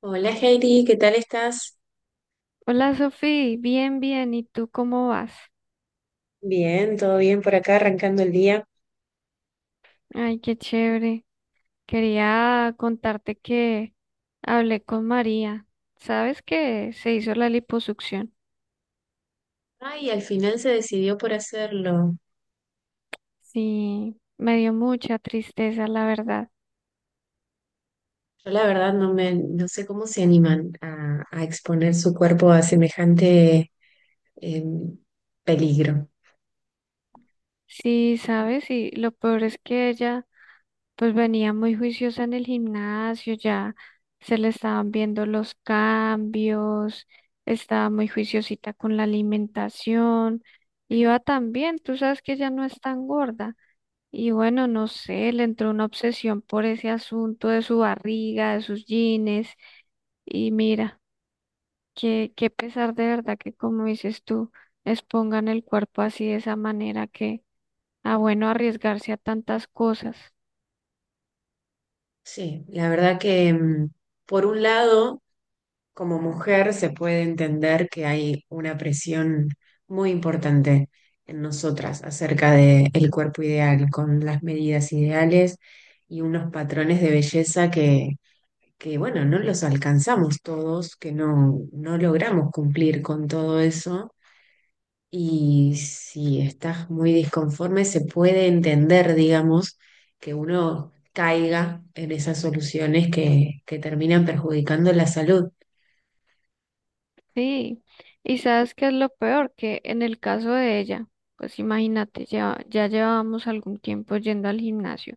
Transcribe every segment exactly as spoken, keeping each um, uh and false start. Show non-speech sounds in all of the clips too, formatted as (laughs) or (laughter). Hola Heidi, ¿qué tal estás? Hola Sofi, bien, bien. ¿Y tú cómo vas? Bien, todo bien por acá, arrancando el día. Ay, qué chévere. Quería contarte que hablé con María. ¿Sabes que se hizo la liposucción? Ay, al final se decidió por hacerlo. Sí, me dio mucha tristeza, la verdad. Yo la verdad no me, no sé cómo se animan a, a exponer su cuerpo a semejante em, peligro. Sí, sabes, y lo peor es que ella pues venía muy juiciosa en el gimnasio, ya se le estaban viendo los cambios, estaba muy juiciosita con la alimentación, iba tan bien, tú sabes que ella no es tan gorda. Y bueno, no sé, le entró una obsesión por ese asunto de su barriga, de sus jeans. Y mira, qué, qué pesar de verdad que, como dices tú, expongan el cuerpo así de esa manera que, ah, bueno, arriesgarse a tantas cosas. Sí, la verdad que em, por un lado como mujer se puede entender que hay una presión muy importante en nosotras acerca del cuerpo ideal, con las medidas ideales y unos patrones de belleza que, que, bueno, no los alcanzamos todos, que no, no logramos cumplir con todo eso. Y si estás muy disconforme, se puede entender, digamos, que uno caiga en esas soluciones que, que terminan perjudicando la salud. Sí, y sabes qué es lo peor, que en el caso de ella, pues imagínate, ya, ya llevábamos algún tiempo yendo al gimnasio.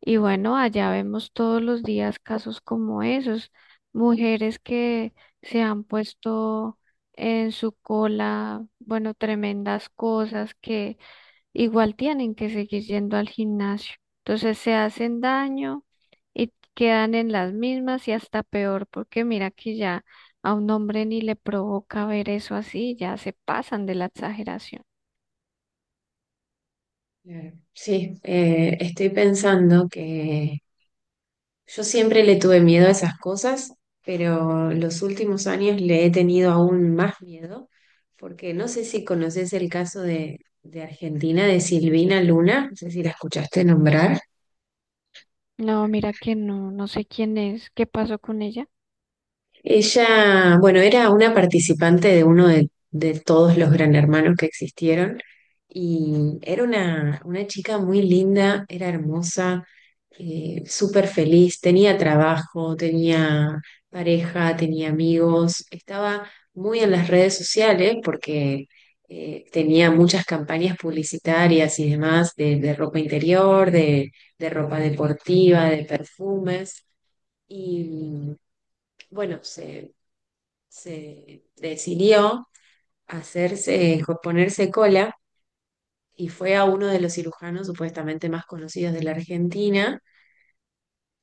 Y bueno, allá vemos todos los días casos como esos, mujeres que se han puesto en su cola, bueno, tremendas cosas que igual tienen que seguir yendo al gimnasio. Entonces se hacen daño y quedan en las mismas y hasta peor, porque mira que ya a un hombre ni le provoca ver eso así, ya se pasan de la exageración. Claro. Sí, eh, estoy pensando que yo siempre le tuve miedo a esas cosas, pero los últimos años le he tenido aún más miedo, porque no sé si conoces el caso de, de Argentina, de Silvina Luna, no sé si la escuchaste nombrar. No, mira que no, no sé quién es, qué pasó con ella. Ella, bueno, era una participante de uno de, de todos los Gran Hermanos que existieron y era una, una chica muy linda, era hermosa, eh, súper feliz, tenía trabajo, tenía pareja, tenía amigos, estaba muy en las redes sociales porque eh, tenía muchas campañas publicitarias y demás de, de ropa interior, de, de ropa deportiva, de perfumes. Y bueno, se, se decidió hacerse, eh, ponerse cola y fue a uno de los cirujanos supuestamente más conocidos de la Argentina.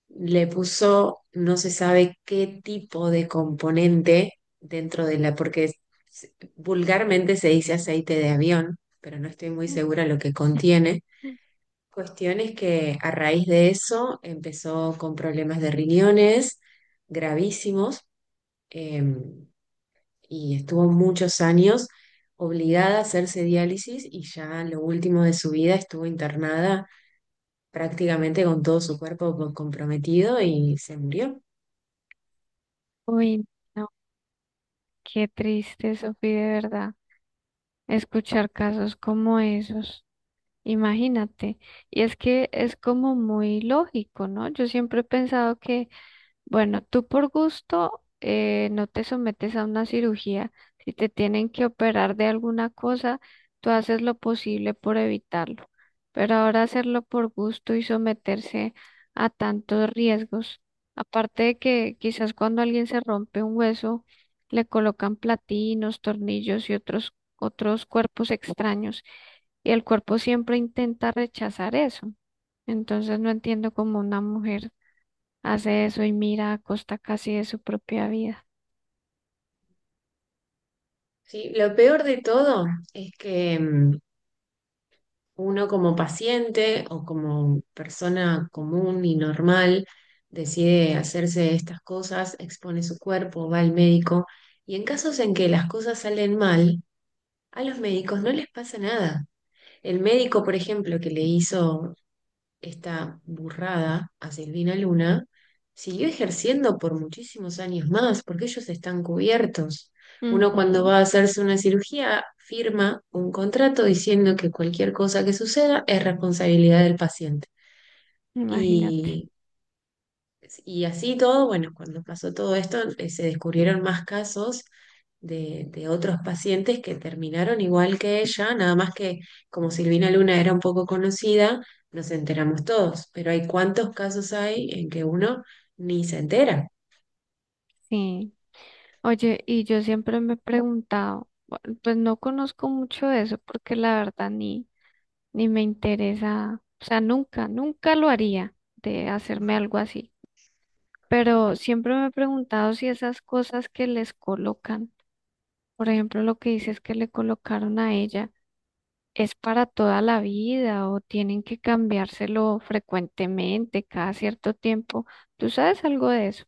Le puso no se sabe qué tipo de componente dentro de la, porque se- vulgarmente se dice aceite de avión, pero no estoy muy segura lo que contiene. (laughs) Cuestiones que a raíz de eso empezó con problemas de riñones gravísimos. em, y estuvo muchos años obligada a hacerse diálisis y ya en lo último de su vida estuvo internada prácticamente con todo su cuerpo co- comprometido y se murió. Uy, no. Qué triste, Sofi, de verdad, escuchar casos como esos. Imagínate. Y es que es como muy lógico, ¿no? Yo siempre he pensado que bueno, tú por gusto eh, no te sometes a una cirugía. Si te tienen que operar de alguna cosa, tú haces lo posible por evitarlo. Pero ahora hacerlo por gusto y someterse a tantos riesgos, aparte de que quizás cuando alguien se rompe un hueso, le colocan platinos, tornillos y otros, otros cuerpos extraños, y el cuerpo siempre intenta rechazar eso. Entonces no entiendo cómo una mujer hace eso y mira a costa casi de su propia vida. Sí, lo peor de todo es que mm, uno como paciente o como persona común y normal decide hacerse estas cosas, expone su cuerpo, va al médico y en casos en que las cosas salen mal, a los médicos no les pasa nada. El médico, por ejemplo, que le hizo esta burrada a Silvina Luna, siguió ejerciendo por muchísimos años más, porque ellos están cubiertos. Uno cuando Ujú, va a hacerse una cirugía firma un contrato diciendo que cualquier cosa que suceda es responsabilidad del paciente. imagínate. Y y así todo, bueno, cuando pasó todo esto, eh, se descubrieron más casos de, de otros pacientes que terminaron igual que ella, nada más que como Silvina Luna era un poco conocida, nos enteramos todos, pero hay cuántos casos hay en que uno ni se entera. Sí. Oye, y yo siempre me he preguntado, bu- pues no conozco mucho de eso porque la verdad ni, ni me interesa, o sea, nunca, nunca lo haría de hacerme Ujú. algo así. Pero siempre me he preguntado si esas cosas que les colocan, por ejemplo, lo que dices que le colocaron a ella. ¿Es para toda la vida o tienen que cambiárselo frecuentemente, cada cierto tiempo? ¿Tú sabes algo de eso?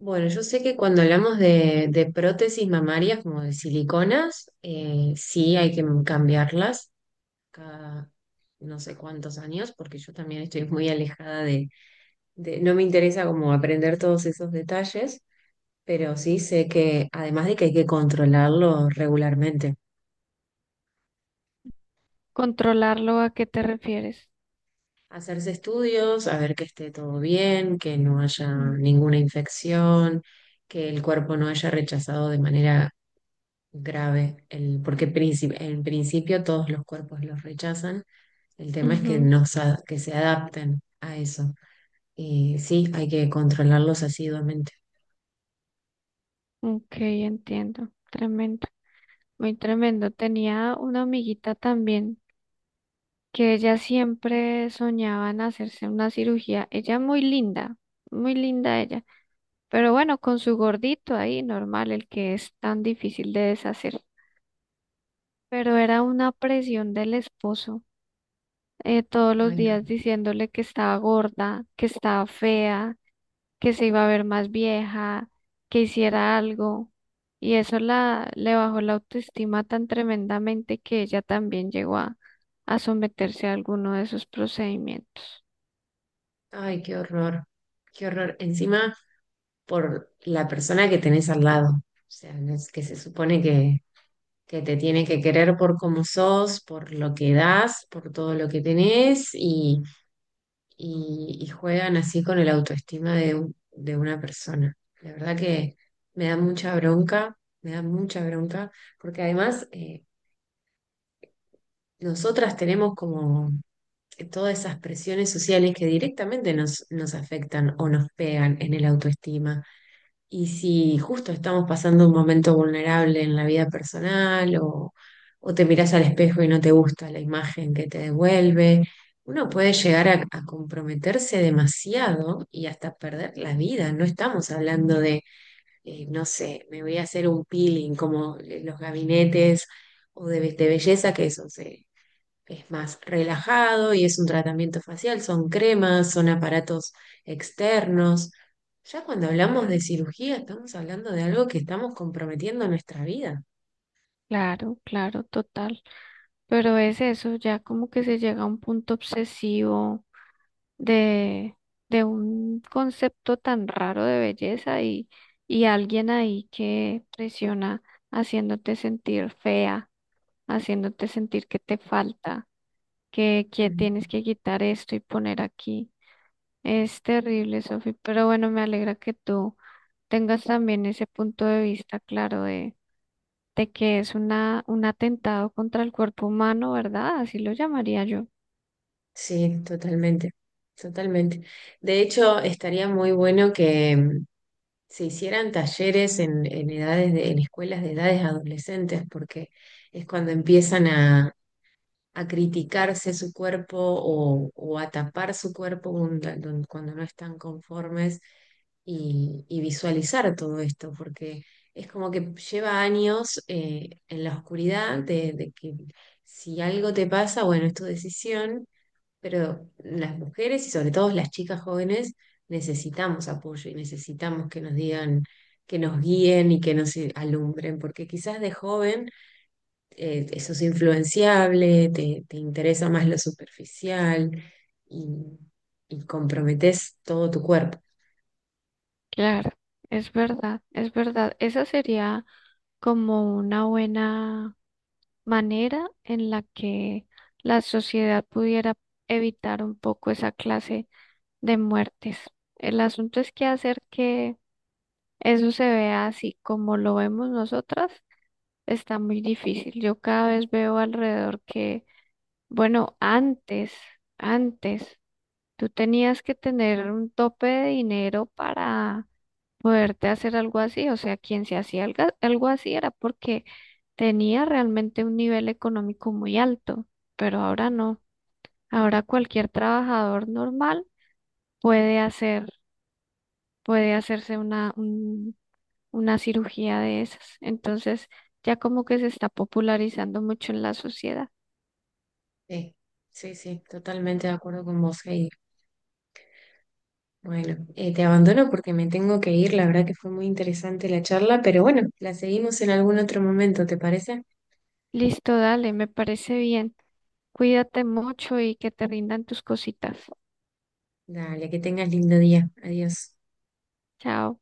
Bueno, yo sé que cuando hablamos de, de prótesis mamarias como de siliconas, eh, sí hay que cambiarlas cada no sé cuántos años, porque yo también estoy muy alejada de- no me interesa como aprender todos esos detalles, pero sí sé que además de que hay que controlarlo regularmente, ¿Controlarlo a qué te refieres? hacerse estudios, a ver que esté todo bien, que no haya Mm, ninguna infección, que el cuerpo no haya rechazado de manera grave, el, porque princip- en principio todos los cuerpos los rechazan, el tema es que, ujú. no, sa- que se adapten a eso. Y sí, hay que controlarlos asiduamente. Ok, entiendo. Tremendo, muy tremendo. Tenía una amiguita también que ella siempre soñaba en hacerse una cirugía. Ella muy linda, muy linda ella. Pero bueno, con su gordito ahí, normal, el que es tan difícil de deshacer. Pero era una presión del esposo. Eh, todos los Ay, no. días diciéndole que estaba gorda, que estaba fea, que se iba a ver más vieja, que hiciera algo. Y eso la, le bajó la autoestima tan tremendamente que ella también llegó a, a someterse a alguno de esos procedimientos. Ay, qué horror. Qué horror. Encima por la persona que tenés al lado. O sea, no es que se supone que, que te tiene que querer por cómo sos, por lo que das, por todo lo que tenés y, y- y juegan así con el autoestima de, un- de una persona. La verdad que me da mucha bronca, me da mucha bronca, porque además eh, nosotras tenemos como todas esas presiones sociales que directamente nos, nos afectan o nos pegan en el autoestima. Y si justo estamos pasando un momento vulnerable en la vida personal o, o te mirás al espejo y no te gusta la imagen que te devuelve, uno puede llegar a, a comprometerse demasiado y hasta perder la vida. No estamos hablando de, eh, no sé, me voy a hacer un peeling como eh, los gabinetes o de, be- de belleza que eso se, es más relajado y es un tratamiento facial, son cremas, son aparatos externos. Ya cuando hablamos de cirugía, estamos hablando de algo que estamos comprometiendo nuestra vida. Claro, claro, total. Pero es eso, ya como que se llega a un punto obsesivo de, de un concepto tan raro de belleza y, y alguien ahí que presiona haciéndote sentir fea, haciéndote sentir que te falta, que, que Ujú. tienes que quitar esto y poner aquí. Es terrible, Sofi, pero bueno, me alegra que tú tengas también ese punto de vista claro de, de que es una, un atentado contra el cuerpo humano, ¿verdad? Así lo llamaría yo. Sí, totalmente, totalmente. De hecho, estaría muy bueno que mm, se hicieran talleres en, en edades de- en escuelas de edades adolescentes, porque es cuando empiezan a a criticarse su cuerpo o, o a tapar su cuerpo cuando, don- cuando no están conformes y, y visualizar todo esto, porque es como que lleva años eh, en la oscuridad de, de que si algo te pasa, bueno, es tu decisión, pero las mujeres y sobre todo las chicas jóvenes necesitamos apoyo y necesitamos que nos digan, que nos guíen y que nos alumbren, porque quizás de joven eh, sos influenciable, te, te interesa más lo superficial y, y comprometes todo tu cuerpo. Claro, es verdad, es verdad. Esa sería como una buena manera en la que la sociedad pudiera evitar un poco esa clase de muertes. El asunto es que hacer que eso se vea así como lo vemos nosotras está muy difícil. Yo cada vez veo alrededor que, bueno, antes, antes, tú tenías que tener un tope de dinero para poderte hacer algo así. O sea, quien se hacía algo algo así era porque tenía realmente un nivel económico muy alto, pero ahora no. Ahora cualquier trabajador normal puede hacer, puede hacerse una, un- una cirugía de esas. Entonces, ya como que se está popularizando mucho en la sociedad. Sí, sí, sí, totalmente de acuerdo con vos, Heidi. Bueno, eh, te abandono porque me tengo que ir. La verdad que fue muy interesante la charla, pero bueno, la seguimos en algún otro momento, ¿te parece? Listo, dale, me parece bien. Cuídate mucho y que te rindan tus cositas. Dale, que tengas lindo día. Adiós. Chao.